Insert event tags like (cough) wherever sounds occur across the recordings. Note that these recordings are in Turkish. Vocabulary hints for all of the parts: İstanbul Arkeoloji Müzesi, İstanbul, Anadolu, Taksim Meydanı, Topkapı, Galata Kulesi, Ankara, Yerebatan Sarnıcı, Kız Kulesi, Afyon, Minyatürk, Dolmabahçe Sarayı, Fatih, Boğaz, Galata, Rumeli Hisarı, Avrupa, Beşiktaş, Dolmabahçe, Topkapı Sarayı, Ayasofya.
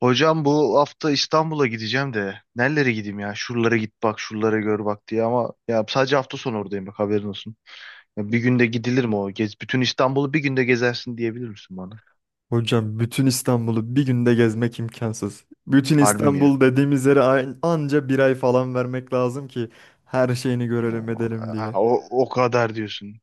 Hocam bu hafta İstanbul'a gideceğim de nerelere gideyim ya? Şuralara git bak, şuralara gör bak diye, ama ya sadece hafta sonu oradayım, bak haberin olsun. Ya bir günde gidilir mi o? Gez, bütün İstanbul'u bir günde gezersin diyebilir misin bana? Hocam bütün İstanbul'u bir günde gezmek imkansız. Bütün Harbi mi ya? İstanbul dediğimiz yere anca bir ay falan vermek lazım ki her şeyini görelim O, edelim ha, diye. o kadar diyorsun.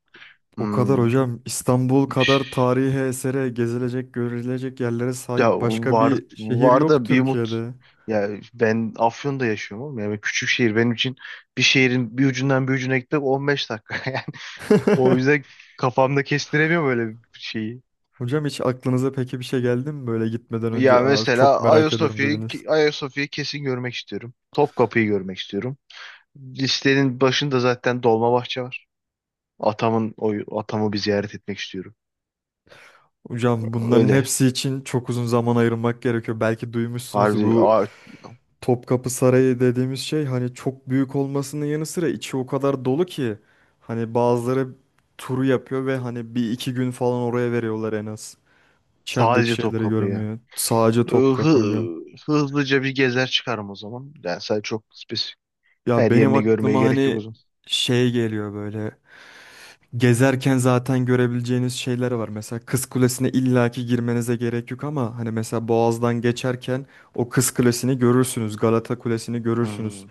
O kadar Hmm. hocam İstanbul Şş. kadar tarihi esere gezilecek görülecek yerlere Ya sahip başka var bir şehir var yok da bir umut. Türkiye'de. Ya ben Afyon'da yaşıyorum oğlum. Yani küçük şehir benim için, bir şehrin bir ucundan bir ucuna gitmek 15 dakika (laughs) yani. O (laughs) yüzden kafamda kestiremiyorum böyle bir şeyi. Hocam hiç aklınıza peki bir şey geldi mi böyle gitmeden önce Ya Aa, çok mesela merak ediyorum Ayasofya'yı dediniz. Ayasofya'yı kesin görmek istiyorum. Topkapı'yı görmek istiyorum. Listenin başında zaten Dolmabahçe var. O atamı bir ziyaret etmek istiyorum. Hocam bunların Öyle. hepsi için çok uzun zaman ayırmak gerekiyor. Belki duymuşsunuzdur Harbi bu a- Topkapı Sarayı dediğimiz şey hani çok büyük olmasının yanı sıra içi o kadar dolu ki hani bazıları turu yapıyor ve hani bir iki gün falan oraya veriyorlar en az. İçerideki Sadece şeyleri Topkapı'ya. görmüyor. Sadece Topkapı hocam. Hı- hızlıca bir gezer çıkarım o zaman. Yani sadece çok spesifik. Ya Her benim yerini görmeye aklıma gerek yok o hani zaman. şey geliyor böyle. Gezerken zaten görebileceğiniz şeyler var. Mesela Kız Kulesi'ne illaki girmenize gerek yok ama hani mesela Boğaz'dan geçerken o Kız Kulesi'ni görürsünüz. Galata Kulesi'ni görürsünüz. Hmm.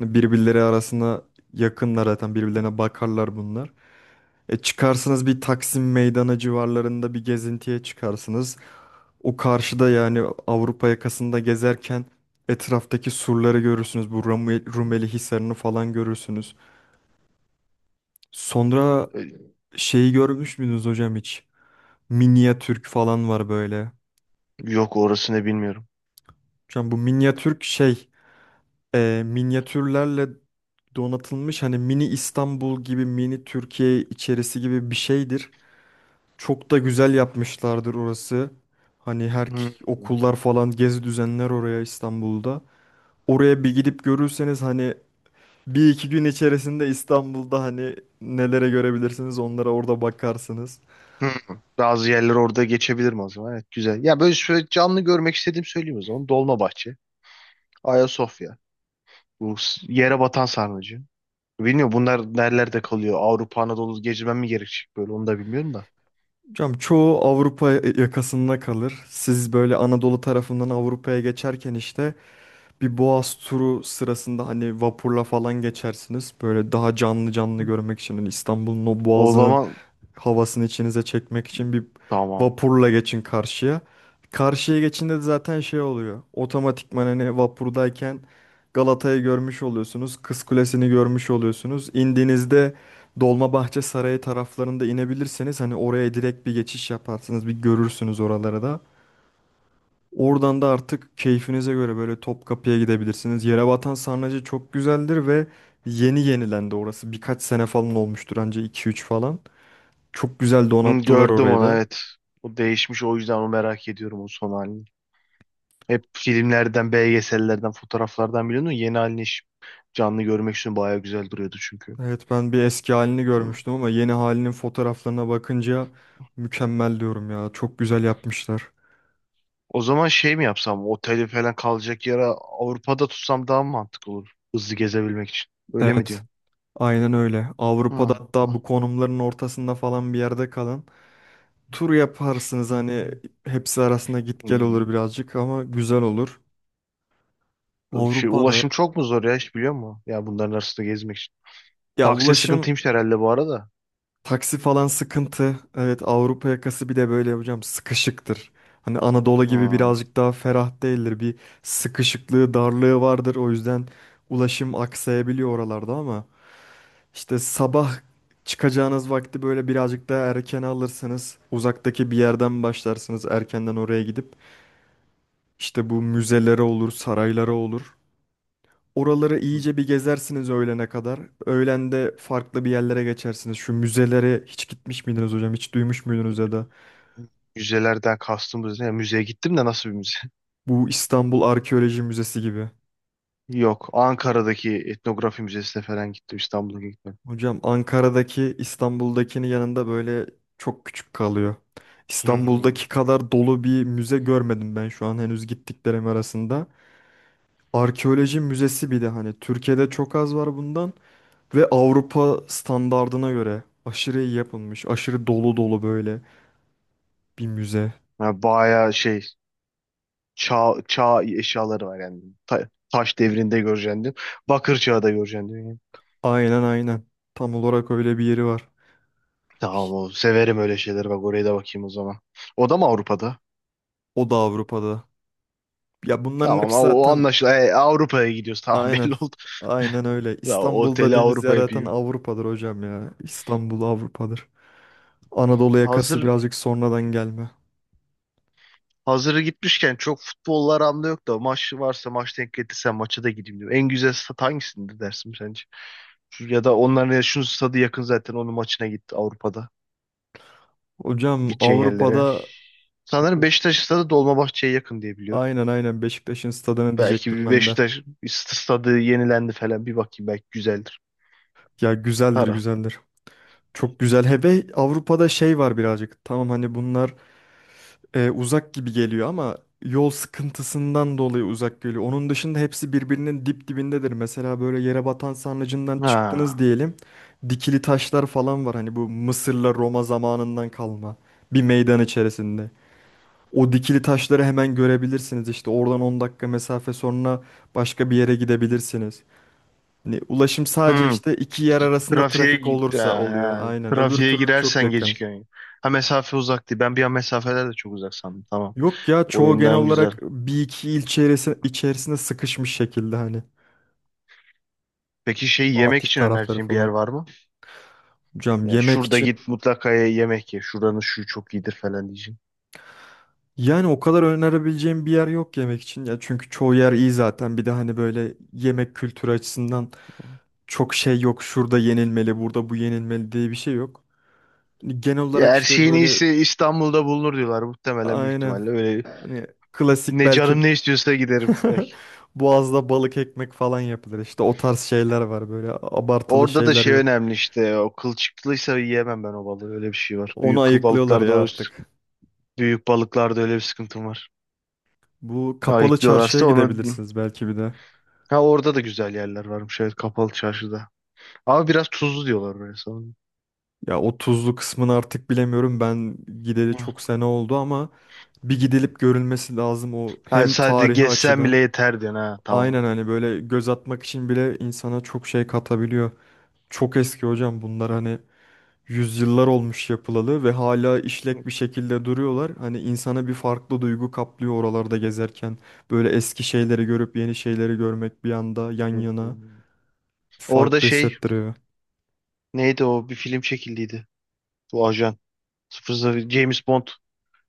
Hani birbirleri arasında yakınlar zaten birbirlerine bakarlar bunlar. E çıkarsınız bir Taksim Meydanı civarlarında bir gezintiye çıkarsınız. O karşıda yani Avrupa yakasında gezerken etraftaki surları görürsünüz. Bu Rumeli Hisarı'nı falan görürsünüz. Sonra şeyi görmüş müydünüz hocam hiç? Minyatürk falan var böyle. Yok, orasını bilmiyorum. Şu an bu minyatürk şey minyatürlerle donatılmış hani mini İstanbul gibi mini Türkiye içerisi gibi bir şeydir. Çok da güzel yapmışlardır orası. Hani her Hmm. okullar falan gezi düzenler oraya İstanbul'da. Oraya bir gidip görürseniz hani bir iki gün içerisinde İstanbul'da hani nelere görebilirsiniz onlara orada bakarsınız. Hmm. Bazı yerler orada geçebilirim o zaman. Evet, güzel. Ya böyle şöyle canlı görmek istediğim söyleyeyim o zaman. Dolmabahçe. Ayasofya. Bu yere batan sarnıcı. Bilmiyorum bunlar nerelerde kalıyor. Avrupa, Anadolu gezmem mi gerekecek, böyle onu da bilmiyorum da. Hocam çoğu Avrupa yakasında kalır. Siz böyle Anadolu tarafından Avrupa'ya geçerken işte bir Boğaz turu sırasında hani vapurla falan geçersiniz. Böyle daha canlı canlı Hı. görmek için hani İstanbul'un o O boğazının zaman havasını içinize çekmek için bir tamam. vapurla geçin karşıya. Karşıya geçinde de zaten şey oluyor. Otomatikman hani vapurdayken Galata'yı görmüş oluyorsunuz. Kız Kulesi'ni görmüş oluyorsunuz. İndiğinizde Dolmabahçe Sarayı taraflarında inebilirseniz hani oraya direkt bir geçiş yaparsınız. Bir görürsünüz oraları da. Oradan da artık keyfinize göre böyle Topkapı'ya gidebilirsiniz. Yerebatan Sarnıcı çok güzeldir ve yeni yenilendi orası. Birkaç sene falan olmuştur anca iki üç falan. Çok güzel Hı, donattılar gördüm orayı onu, da. evet. O değişmiş, o yüzden onu merak ediyorum, o son halini. Hep filmlerden, belgesellerden, fotoğraflardan biliyordum. Yeni halini hiç canlı görmek için bayağı güzel duruyordu çünkü. Evet ben bir eski halini Hı. görmüştüm ama yeni halinin fotoğraflarına bakınca mükemmel diyorum ya. Çok güzel yapmışlar. O zaman şey mi yapsam? Oteli falan, kalacak yere Avrupa'da tutsam daha mı mantıklı olur? Hızlı gezebilmek için. Öyle mi Evet, diyorsun? aynen öyle. Hı, Avrupa'da hatta hı, bu konumların ortasında falan bir yerde kalın. Tur yaparsınız hı, hani hı. hepsi arasında git gel olur Hı. birazcık ama güzel olur. Şey, Avrupa'da ulaşım çok mu zor ya, hiç biliyor musun? Ya bunların arasında gezmek için. ya Taksi ulaşım sıkıntıymış herhalde bu arada. taksi falan sıkıntı. Evet Avrupa yakası bir de böyle hocam sıkışıktır. Hani Anadolu gibi Ha. birazcık daha ferah değildir. Bir sıkışıklığı, darlığı vardır. O yüzden ulaşım aksayabiliyor oralarda ama işte sabah çıkacağınız vakti böyle birazcık daha erken alırsanız uzaktaki bir yerden başlarsınız erkenden oraya gidip işte bu müzelere olur, saraylara olur. Oraları iyice bir gezersiniz öğlene kadar. Öğlen de farklı bir yerlere geçersiniz. Şu müzelere hiç gitmiş miydiniz hocam? Hiç duymuş muydunuz ya da? Müzelerden kastımız ne? Ya müzeye gittim de, nasıl bir müze? (laughs) Bu İstanbul Arkeoloji Müzesi gibi. Yok. Ankara'daki etnografi müzesine falan gittim. İstanbul'a gittim. Hocam Ankara'daki İstanbul'dakinin yanında böyle çok küçük kalıyor. Hmm. İstanbul'daki kadar dolu bir müze görmedim ben şu an henüz gittiklerim arasında. Arkeoloji müzesi bir de hani Türkiye'de çok az var bundan ve Avrupa standardına göre aşırı iyi yapılmış, aşırı dolu dolu böyle bir müze. Ya bayağı şey, çağ eşyaları var yani. Taş devrinde görecektim. Bakır çağı da görecektim. Yani. Aynen aynen. Tam olarak öyle bir yeri var. Tamam, o severim öyle şeyleri. Bak oraya da bakayım o zaman. O da mı Avrupa'da? O da Avrupa'da. Ya bunların Tamam, o, hepsi o zaten anlaşılıyor. E, Avrupa'ya gidiyoruz. Tamam, (laughs) aynen. belli oldu. Aynen öyle. Ya İstanbul'da oteli dediğimiz yer Avrupa zaten yapayım. Avrupa'dır hocam ya. İstanbul Avrupa'dır. Anadolu yakası Hazır birazcık sonradan gelme. hazırı gitmişken, çok futbollar anlamda yok da, maç varsa, maç denk getirse maça da gideyim diyorum. En güzel stat hangisindir dersin sence? Ya da onların, ya şunun stadı yakın zaten, onun maçına git Avrupa'da. Hocam Gideceğin yerlere. Avrupa'da Sanırım Beşiktaş stadı Dolmabahçe'ye yakın diye biliyorum. aynen aynen Beşiktaş'ın stadını Belki diyecektim bir ben de. Beşiktaş, bir stadı yenilendi falan, bir bakayım belki güzeldir. Ya güzeldir Para. güzeldir. Çok güzel. Hebe Avrupa'da şey var birazcık. Tamam hani bunlar uzak gibi geliyor ama yol sıkıntısından dolayı uzak geliyor. Onun dışında hepsi birbirinin dip dibindedir. Mesela böyle yere batan sarnıcından çıktınız Ha. diyelim. Dikili taşlar falan var. Hani bu Mısır'la Roma zamanından kalma bir meydan içerisinde. O dikili taşları hemen görebilirsiniz. İşte oradan 10 dakika mesafe sonra başka bir yere gidebilirsiniz. Hani ulaşım sadece Hmm. işte iki yer arasında Trafiğe, trafik gi- olursa oluyor. ha, Aynen. Öbür trafiğe türlü çok girersen yakın. gecikiyorsun. Ha, mesafe uzak değil. Ben bir an mesafeler de çok uzak sandım. Tamam. Yok ya O çoğu genel yönden güzel. olarak bir iki il içerisinde sıkışmış şekilde hani Peki şey, yemek Fatih için tarafları önerdiğin bir yer falan. var mı? Hocam Ya yemek şurada git için mutlaka yemek ye. Şuranın şu çok iyidir falan diyeceğim. yani o kadar önerebileceğim bir yer yok yemek için ya çünkü çoğu yer iyi zaten bir de hani böyle yemek kültürü açısından çok şey yok şurada yenilmeli burada bu yenilmeli diye bir şey yok. Hani genel Ya olarak her işte şeyin böyle iyisi İstanbul'da bulunur diyorlar. Muhtemelen, büyük aynen ihtimalle öyle. hani klasik Ne belki canım ne istiyorsa giderim. (laughs) Belki. Boğaz'da balık ekmek falan yapılır işte o tarz şeyler var böyle abartılı Orada da şeyler şey yok. önemli işte. O kılçıklıysa yiyemem ben o balığı. Öyle bir şey var. Onu Büyük kıl ayıklıyorlar balıklarda, ya o artık. büyük balıklarda öyle bir sıkıntım var. Bu kapalı çarşıya Ayıklıyorlarsa onu, gidebilirsiniz belki bir de. ha, orada da güzel yerler varmış evet, kapalı çarşıda. Ama biraz tuzlu diyorlar böyle sanırım. Ya o tuzlu kısmını artık bilemiyorum. Ben gideli Hı. çok sene oldu ama bir gidilip görülmesi lazım o Hayır, hem sadece tarihi gezsen bile açıdan. yeter diyorsun, ha, tamam. Aynen hani böyle göz atmak için bile insana çok şey katabiliyor. Çok eski hocam bunlar hani yüzyıllar olmuş yapılalı ve hala Hı. işlek bir şekilde duruyorlar. Hani insana bir farklı duygu kaplıyor oralarda gezerken. Böyle eski şeyleri görüp yeni şeyleri görmek bir anda yan yana Orada farklı şey hissettiriyor. neydi, o bir film çekildiydi. Bu ajan 00 James Bond.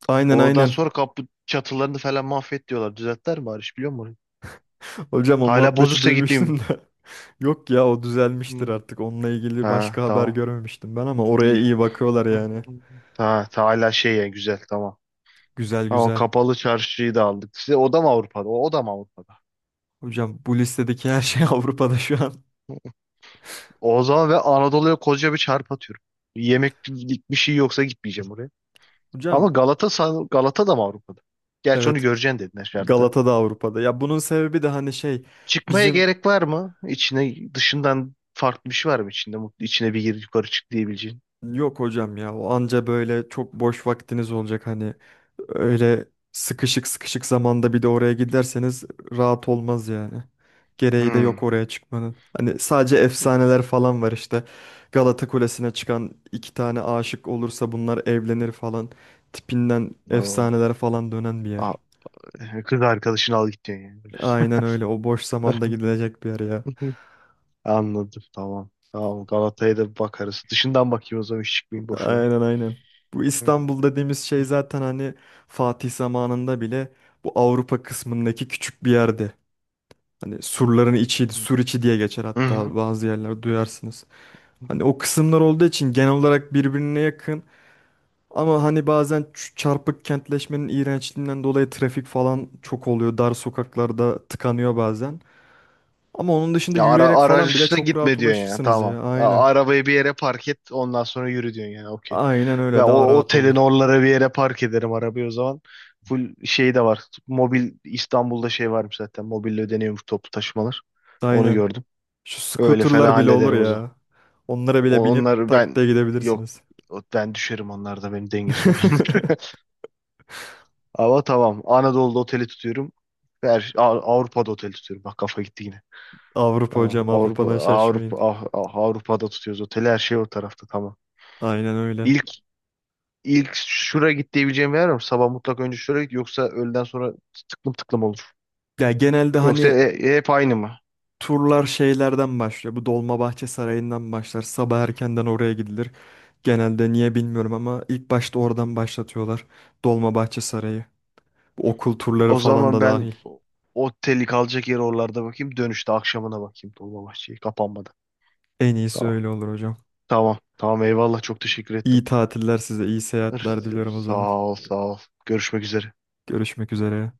Aynen Oradan aynen. sonra kapı çatılarını falan mahvet diyorlar. Düzeltler mi bari, biliyor musun? Hocam o Hala muhabbeti bozuksa gitmeyeyim. duymuştum da. (laughs) Yok ya o düzelmiştir Hı. artık. Onunla ilgili Ha, başka haber tamam. görmemiştim ben ama oraya İyi. iyi bakıyorlar Hı, hı, yani. hı. Ha, hala şey yani, güzel, tamam. Güzel Ama güzel. kapalı çarşıyı da aldık. Size o da mı Avrupa'da? O da mı Avrupa'da? Hocam bu listedeki her şey (laughs) Avrupa'da şu an. O zaman ve Anadolu'ya koca bir çarp atıyorum. Yemeklik bir şey yoksa gitmeyeceğim oraya. Ama Hocam Galata da mı Avrupa'da? Gerçi onu evet göreceksin dedin her şartta. Galata da Avrupa'da. Ya bunun sebebi de hani şey Çıkmaya bizim gerek var mı? İçine, dışından farklı bir şey var mı içinde? Mutlu içine bir gir yukarı çık diyebileceğin. yok hocam ya o anca böyle çok boş vaktiniz olacak hani öyle sıkışık sıkışık zamanda bir de oraya giderseniz rahat olmaz yani. Gereği de yok Hmm. oraya çıkmanın. Hani sadece efsaneler falan var işte. Galata Kulesi'ne çıkan iki tane aşık olursa bunlar evlenir falan tipinden Oo. efsaneler falan dönen bir yer. Aa, kız arkadaşını al git diyorsun yani, böyle. Aynen öyle. O boş zamanda (laughs) gidilecek bir yer ya. Hı, anladım, tamam. Tamam, Galata'ya da bir bakarız. Dışından bakayım o zaman, hiç çıkmayayım boşuna. Aynen aynen. Bu Hı, hı, İstanbul dediğimiz şey zaten hani Fatih zamanında bile bu Avrupa kısmındaki küçük bir yerdi. Hani surların içiydi, sur içi diye geçer hı, hatta hı. bazı yerler duyarsınız. Hani o kısımlar olduğu için genel olarak birbirine yakın ama hani bazen çarpık kentleşmenin iğrençliğinden dolayı trafik falan çok oluyor. Dar sokaklarda tıkanıyor bazen. Ama onun dışında Ya ara yürüyerek falan bile araçla çok rahat gitme diyorsun ya, ulaşırsınız tamam. ya. A- Aynen. Arabayı bir yere park et, ondan sonra yürü diyorsun yani, okey. Aynen Ve öyle daha o rahat otelin olur. oralara bir yere park ederim arabayı o zaman. Full şey de var. Mobil, İstanbul'da şey varmış zaten. Mobille ödeniyormuş toplu taşımalar. Onu Aynen. gördüm. Şu Öyle falan scooterlar bile olur hallederim o zaman. ya. Onlara bile O- binip Onları tak ben, diye yok, gidebilirsiniz. Ben düşerim onlarda, benim denge sorunum. (laughs) (laughs) Ama tamam. Anadolu'da oteli tutuyorum. Her, şey, Avrupa'da oteli tutuyorum. Bak kafa gitti yine. Avrupa Tamam. hocam, Avrupa Avrupa'dan şaşmayın. Avrupa Ah- Ah- Avrupa'da tutuyoruz oteli. Her şey o tarafta, tamam. Aynen öyle. İlk ilk şura git diyebileceğim bir yer var mı? Sabah mutlak önce şura git, yoksa öğleden sonra tıklım tıklım olur. Ya genelde Yoksa hani hep aynı mı? turlar şeylerden başlıyor. Bu Dolmabahçe Sarayı'ndan başlar. Sabah erkenden oraya gidilir. Genelde niye bilmiyorum ama ilk başta oradan başlatıyorlar. Dolmabahçe Sarayı. Bu okul turları O falan zaman da ben dahil. Oteli, kalacak yeri oralarda bakayım. Dönüşte akşamına bakayım Dolmabahçe'yi kapanmadan. En iyisi Tamam. öyle olur hocam. Tamam. Tamam, eyvallah, çok teşekkür İyi ettim. tatiller size, iyi seyahatler diliyorum o zaman. Sağ ol, sağ ol. Görüşmek üzere. Görüşmek üzere.